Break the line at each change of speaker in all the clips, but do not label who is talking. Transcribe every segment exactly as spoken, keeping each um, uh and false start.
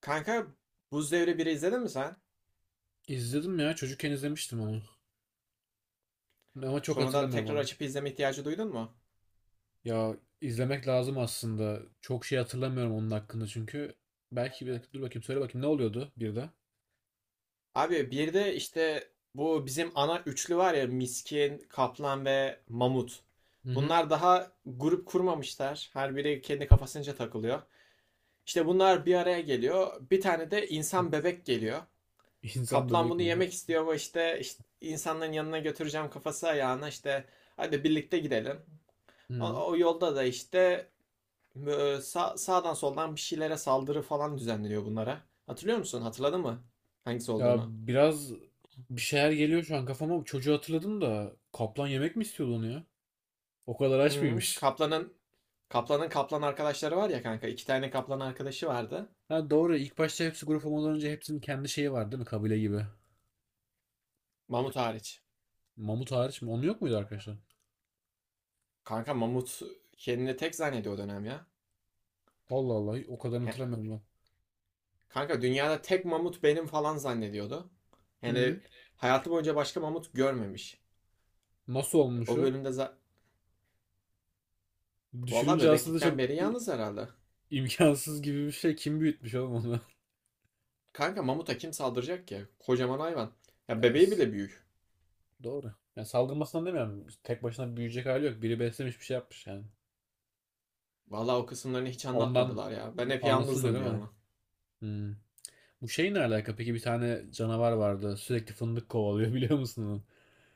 Kanka, Buz Devri biri izledin mi sen?
İzledim ya. Çocukken izlemiştim onu. Ama çok
Sonradan
hatırlamıyorum
tekrar
oğlum.
açıp izleme ihtiyacı duydun mu?
Ya izlemek lazım aslında. Çok şey hatırlamıyorum onun hakkında çünkü. Belki bir dakika dur bakayım söyle bakayım ne oluyordu bir de?
Abi bir de işte bu bizim ana üçlü var ya Miskin, Kaplan ve Mamut.
Hı hı.
Bunlar daha grup kurmamışlar. Her biri kendi kafasınca takılıyor. İşte bunlar bir araya geliyor. Bir tane de insan bebek geliyor.
İnsan
Kaplan
bebek
bunu
mi? Hı.
yemek istiyor ama işte, işte insanların yanına götüreceğim kafası ayağına işte hadi birlikte gidelim.
Hı.
O, o yolda da işte Bö- Sağ, sağdan soldan bir şeylere saldırı falan düzenleniyor bunlara. Hatırlıyor musun? Hatırladın mı? Hangisi
Ya
olduğunu?
biraz bir şeyler geliyor şu an kafama. Çocuğu hatırladım da kaplan yemek mi istiyordu onu ya? O kadar aç
Hı,
mıymış?
Kaplan'ın Kaplan'ın kaplan arkadaşları var ya kanka. İki tane kaplan arkadaşı vardı.
Ha doğru, ilk başta hepsi grup olmadan önce hepsinin kendi şeyi var değil mi? Kabile gibi.
Mamut hariç.
Mamut hariç mi? Onun yok muydu arkadaşlar?
Kanka mamut kendini tek zannediyor o dönem ya.
Allah Allah, o kadar
He-
hatırlamıyorum
Kanka dünyada tek mamut benim falan zannediyordu.
ben. Hı.
Yani hayatı boyunca başka mamut görmemiş.
Nasıl olmuş
O
o?
bölümde za- Vallahi
Düşününce aslında
bebeklikten
çok
beri
i-
yalnız herhalde.
imkansız gibi bir şey. Kim büyütmüş oğlum onu?
Kanka mamuta kim saldıracak ki? Kocaman hayvan. Ya
Ya,
bebeği
s-
bile büyük.
doğru. Ya salgınmasından demiyorum. Tek başına büyüyecek hali yok. Biri beslemiş, bir şey yapmış yani.
Vallahi o kısımlarını hiç
Ondan
anlatmadılar ya. Ben
bu-
hep
anlatılmıyor
yalnızdım
değil
diyor
mi?
ama.
Hmm. Bu şey ne alaka? Peki, bir tane canavar vardı. Sürekli fındık kovalıyor biliyor musun onu?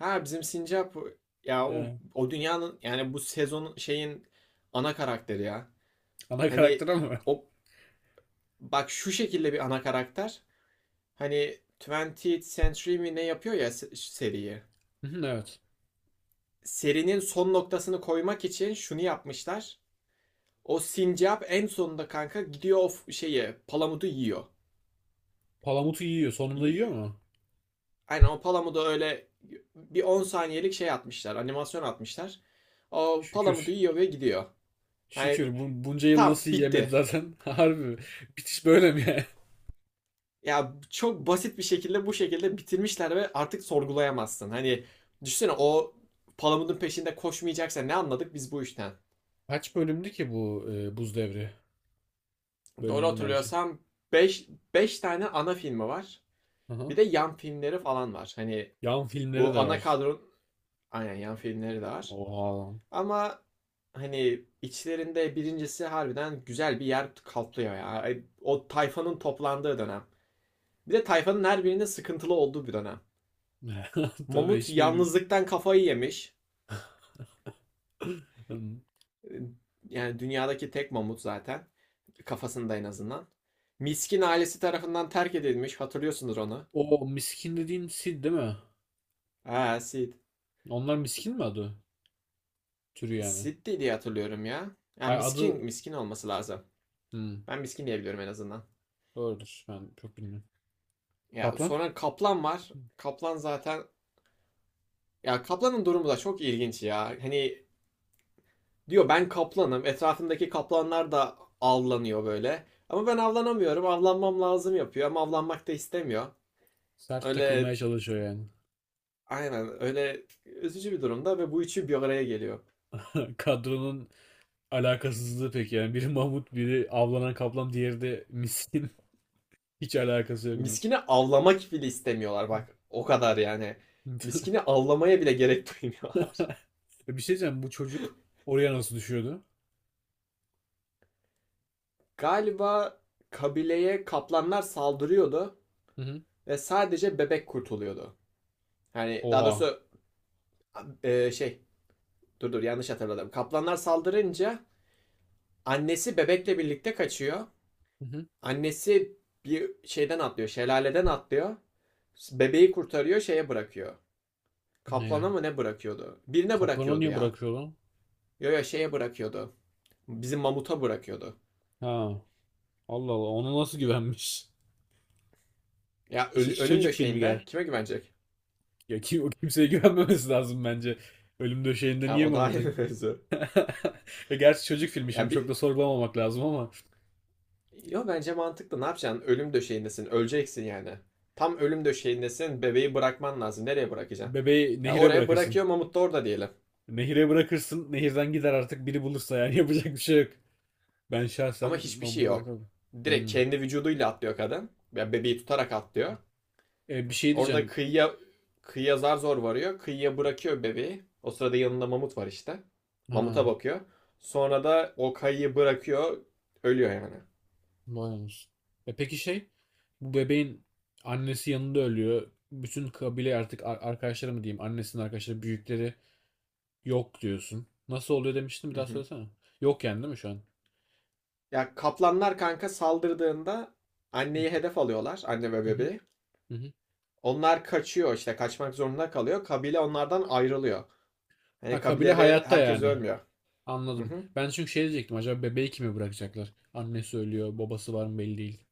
Ha bizim Sincap ya o
Ee,
o dünyanın yani bu sezonun şeyin ana karakteri ya.
ana
Hani
karakter ama.
o bak şu şekilde bir ana karakter. Hani yirmi Century mi ne yapıyor ya se- seriyi.
Hı, evet.
Serinin son noktasını koymak için şunu yapmışlar. O Sincap en sonunda kanka gidiyor o f- şeyi palamudu yiyor.
Palamutu yiyor. Sonunda yiyor
Y-
mu?
Aynen o Palamut'a öyle bir on saniyelik şey atmışlar. Animasyon atmışlar. O Palamut'u
Şükür.
yiyor ve gidiyor. Yani
Şükür. Bu, bunca yıl
tam
nasıl yiyemedi
bitti.
zaten? Harbi. Bitiş böyle mi yani?
Ya çok basit bir şekilde bu şekilde bitirmişler ve artık sorgulayamazsın. Hani düşünsene o Palamut'un peşinde koşmayacaksa ne anladık biz bu işten?
Kaç bölümdü ki bu e, buz devri? Bölüm
Doğru
dedim yani şey.
hatırlıyorsam beş 5 tane ana filmi var. Bir
Aha.
de yan filmleri falan var. Hani
Yan filmleri
bu
de
ana
var.
kadron aynen yan filmleri de var.
Oha.
Ama hani içlerinde birincisi harbiden güzel bir yer kaplıyor ya. O tayfanın toplandığı dönem. Bir de tayfanın her birinde sıkıntılı olduğu bir dönem.
Tabii,
Mamut
hiçbir bir...
yalnızlıktan kafayı yemiş. Ee, Yani dünyadaki tek mamut zaten. Kafasında en azından. Miskin ailesi tarafından terk edilmiş. Hatırlıyorsunuz onu.
O miskin dediğin Sid değil mi?
Ha Sid.
Onlar miskin mi adı? Türü yani.
Sid diye hatırlıyorum ya. Yani
Hayır,
miskin
adı...
miskin olması lazım.
Hmm,
Ben miskin diyebiliyorum en azından.
doğrudur. Ben çok bilmiyorum.
Ya
Kaplan?
sonra kaplan var. Kaplan zaten Ya kaplanın durumu da çok ilginç ya. Hani diyor ben kaplanım. Etrafındaki kaplanlar da avlanıyor böyle. Ama ben avlanamıyorum. Avlanmam lazım yapıyor ama avlanmak da istemiyor.
Sert
Öyle
takılmaya çalışıyor yani.
aynen öyle üzücü bir durumda ve bu üçü bir araya geliyor.
Kadronun alakasızlığı pek yani. Biri Mahmut, biri avlanan kaplan, diğeri de miskin. Hiç alakası yok bunun.
Miskini avlamak bile istemiyorlar bak. O kadar yani. Miskini avlamaya bile gerek duymuyorlar.
Bir şey diyeceğim. Bu çocuk oraya nasıl düşüyordu?
Galiba kabileye kaplanlar saldırıyordu
Hı hı.
ve sadece bebek kurtuluyordu. Yani daha
Oha.
doğrusu e, şey dur dur, yanlış hatırladım. Kaplanlar saldırınca annesi bebekle birlikte kaçıyor.
Hı hı.
Annesi bir şeyden atlıyor, şelaleden atlıyor. Bebeği kurtarıyor, şeye bırakıyor.
Ne
Kaplana
ya?
mı ne bırakıyordu? Birine
Kaplanı
bırakıyordu
niye
ya.
bırakıyor lan?
Yo yo, şeye bırakıyordu. Bizim mamuta bırakıyordu.
Ha. Allah Allah. Ona nasıl güvenmiş?
Ya
İşte
öl-
şu
ölüm
çocuk filmi
döşeğinde
gel.
kime güvenecek?
Ya kim, o kimseye güvenmemesi lazım bence. Ölüm döşeğinde
Ya,
niye
o da
Mahmut'a...
ayrı mevzu.
Ya gerçi çocuk filmi, şimdi
Ya
çok
bir
da sorgulamamak lazım ama
Yo, bence mantıklı. Ne yapacaksın? Ölüm döşeğindesin. Öleceksin yani. Tam ölüm döşeğindesin. Bebeği bırakman lazım. Nereye bırakacaksın?
bebeği
Ya
nehire
oraya
bırakırsın.
bırakıyor Mamut da orada diyelim.
Nehire bırakırsın. Nehirden gider, artık biri bulursa yani yapacak bir şey yok. Ben şahsen
Ama hiçbir şey
Mahmut'a
yok.
bırakamam.
Direkt
Hmm.
kendi vücuduyla atlıyor kadın. Ya bebeği tutarak atlıyor.
E, bir şey
Orada
diyeceğim.
kıyıya kıyıya zar zor varıyor. Kıyıya bırakıyor bebeği. O sırada yanında mamut var işte. Mamuta
Ha.
bakıyor. Sonra da o kayayı bırakıyor. Ölüyor yani.
Maymunuz. E peki şey, bu bebeğin annesi yanında ölüyor. Bütün kabile artık, ar- arkadaşları mı diyeyim, annesinin arkadaşları, büyükleri yok diyorsun. Nasıl oluyor demiştin, bir
Hı
daha
hı.
söylesene. Yok yani değil mi şu an?
Ya kaplanlar kanka saldırdığında
Hı
anneyi hedef alıyorlar. Anne ve
hı hı.
bebeği.
Hı.
Onlar kaçıyor işte kaçmak zorunda kalıyor. Kabile onlardan ayrılıyor. Hani
Ha, kabile
kabilede
hayatta
herkes
yani.
ölmüyor. Hı
Anladım.
hı.
Ben çünkü şey diyecektim, acaba bebeği kime bırakacaklar? Annesi ölüyor, babası var mı belli değil.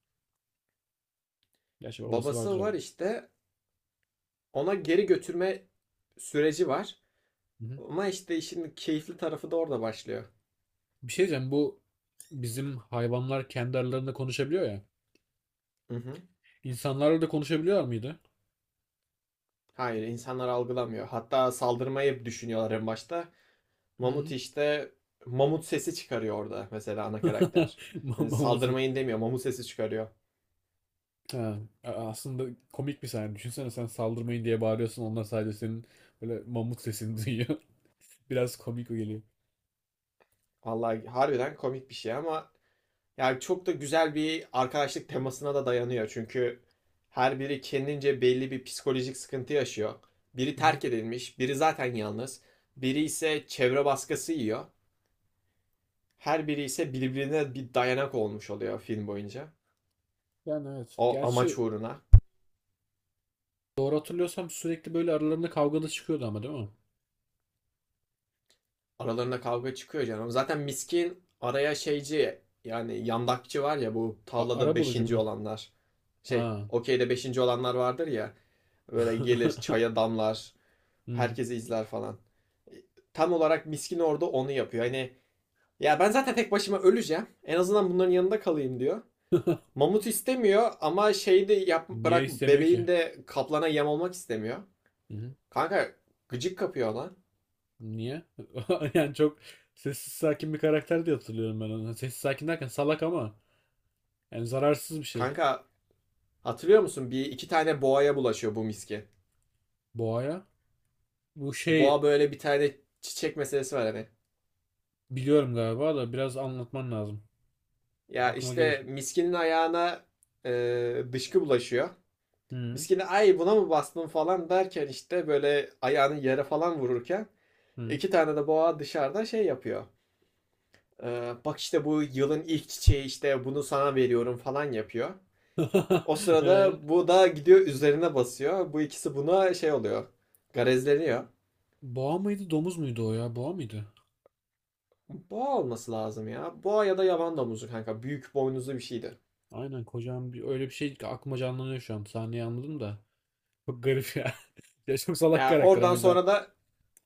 Gerçi babası vardır
Babası
abi.
var işte ona geri götürme süreci var.
Hı hı.
Ama işte işin keyifli tarafı da orada başlıyor.
Bir şey diyeceğim, bu bizim hayvanlar kendi aralarında konuşabiliyor ya.
Hı hı.
İnsanlarla da konuşabiliyor muydu?
Hayır, insanlar algılamıyor. Hatta saldırmayı düşünüyorlar en başta. Mamut işte mamut sesi çıkarıyor orada mesela ana karakter. Hani
Mamusu.
saldırmayın demiyor, mamut sesi çıkarıyor.
Ha, a- aslında komik bir sahne. Düşünsene, sen saldırmayın diye bağırıyorsun. Onlar sadece senin böyle mamut sesini duyuyor. Biraz komik o geliyor.
Vallahi harbiden komik bir şey ama yani çok da güzel bir arkadaşlık temasına da dayanıyor. Çünkü her biri kendince belli bir psikolojik sıkıntı yaşıyor. Biri
Hı hı.
terk edilmiş, biri zaten yalnız, biri ise çevre baskısı yiyor. Her biri ise birbirine bir dayanak olmuş oluyor film boyunca.
Yani evet.
O
Gerçi
amaç uğruna.
doğru hatırlıyorsam sürekli böyle aralarında kavgalı çıkıyordu ama değil mi?
Aralarında kavga çıkıyor canım. Zaten miskin araya şeyci yani yandakçı var ya, bu
A, ara
tavlada
bulucu
beşinci
mu?
olanlar. Şey
Ha.
okeyde beşinci olanlar vardır ya. Böyle gelir çaya damlar.
Hmm.
Herkesi izler falan. Tam olarak miskin orada onu yapıyor. Hani ya ben zaten tek başıma öleceğim. En azından bunların yanında kalayım diyor. Mamut istemiyor ama şeyi de yap,
Niye
bırak
istemiyor ki?
bebeğin de kaplana yem olmak istemiyor.
Hı hı.
Kanka gıcık kapıyor lan.
Niye? Yani çok sessiz sakin bir karakter diye hatırlıyorum ben onu. Sessiz sakin derken salak ama yani zararsız bir şey.
Kanka, hatırlıyor musun? Bir iki tane boğaya bulaşıyor bu miski.
Boğaya. Bu
Boğa
şey,
böyle bir tane çiçek meselesi var hani.
biliyorum galiba da biraz anlatman lazım.
Ya
Aklıma gelir.
işte miskinin ayağına e, dışkı bulaşıyor.
Hı
Miskini ay buna mı bastın falan derken işte böyle ayağını yere falan vururken
hı.
iki tane de boğa dışarıda şey yapıyor. E, bak işte bu yılın ilk çiçeği işte bunu sana veriyorum falan yapıyor. O
Ee,
sırada bu da gidiyor üzerine basıyor. Bu ikisi buna şey oluyor. Garezleniyor.
boğa mıydı, domuz muydu o ya? Boğa mıydı?
Boğa olması lazım ya. Boğa ya da yaban domuzu kanka. Büyük boynuzlu bir şeydi.
Aynen, kocaman bir öyle bir şey ki aklıma canlanıyor şu an. Sahneyi anladım da. Çok garip ya. Ya çok salak
Ya
karakter
oradan
ama cidden.
sonra da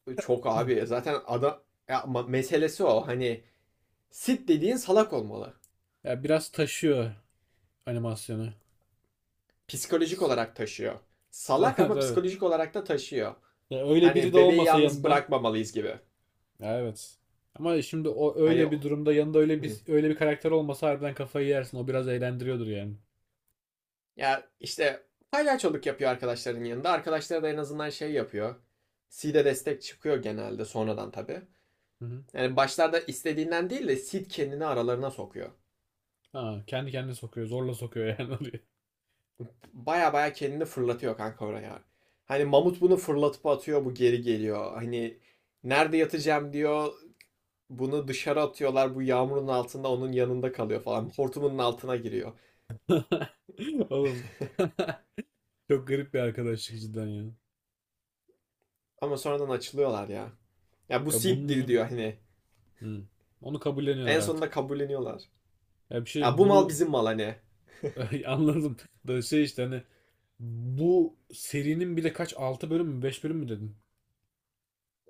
e, çok abi zaten ada ya meselesi o. Hani sit dediğin salak olmalı.
Ya biraz taşıyor animasyonu.
Psikolojik olarak taşıyor.
Ta-
Salak ama
Tabii.
psikolojik olarak da taşıyor.
Ya öyle biri
Hani
de
bebeği
olmasa
yalnız
yanında.
bırakmamalıyız gibi.
Ya evet. Ama şimdi o
Hani
öyle bir durumda, yanında öyle bir öyle bir karakter olmasa harbiden kafayı yersin. O biraz eğlendiriyordur yani.
ya işte palyaçoluk yapıyor arkadaşların yanında. Arkadaşları da en azından şey yapıyor. Sid'e destek çıkıyor genelde sonradan tabii. Yani başlarda istediğinden değil de Sid kendini aralarına sokuyor.
Ha, kendi kendine sokuyor. Zorla sokuyor yani oraya.
Baya baya kendini fırlatıyor kanka oraya. Hani mamut bunu fırlatıp atıyor bu geri geliyor. Hani nerede yatacağım diyor. Bunu dışarı atıyorlar bu yağmurun altında onun yanında kalıyor falan. Hortumunun altına giriyor.
Oğlum. Çok garip bir arkadaşlık cidden ya.
Ama sonradan açılıyorlar ya. Ya bu
Ya bunun
Sid'dir
üzerine.
diyor hani.
Hı. Onu kabulleniyorlar
En
artık.
sonunda kabulleniyorlar.
Ya bir şey
Ya
diyeyim,
bu mal
bunu
bizim mal hani.
anladım. Da şey işte hani bu serinin bile kaç, altı bölüm mü, beş bölüm mü dedin?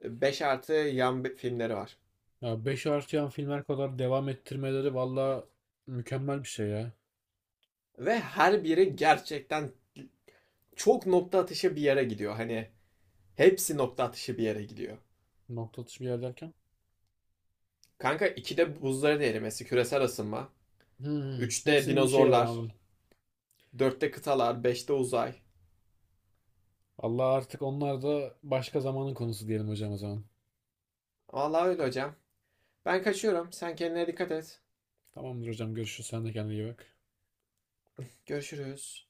beş artı yan filmleri var.
Ya beş artıyan filmler kadar devam ettirmeleri valla mükemmel bir şey ya.
Ve her biri gerçekten çok nokta atışı bir yere gidiyor. Hani hepsi nokta atışı bir yere gidiyor.
Nokta atışı bir yer derken.
Kanka ikide buzların erimesi, küresel ısınma.
Hı,
Üçte
hepsinin bir şeyi var,
dinozorlar.
anladım.
Dörtte kıtalar. Beşte uzay.
Allah, artık onlar da başka zamanın konusu diyelim hocam o zaman.
Vallahi öyle hocam. Ben kaçıyorum. Sen kendine dikkat et.
Tamamdır hocam, görüşürüz. Sen de kendine iyi bak.
Görüşürüz.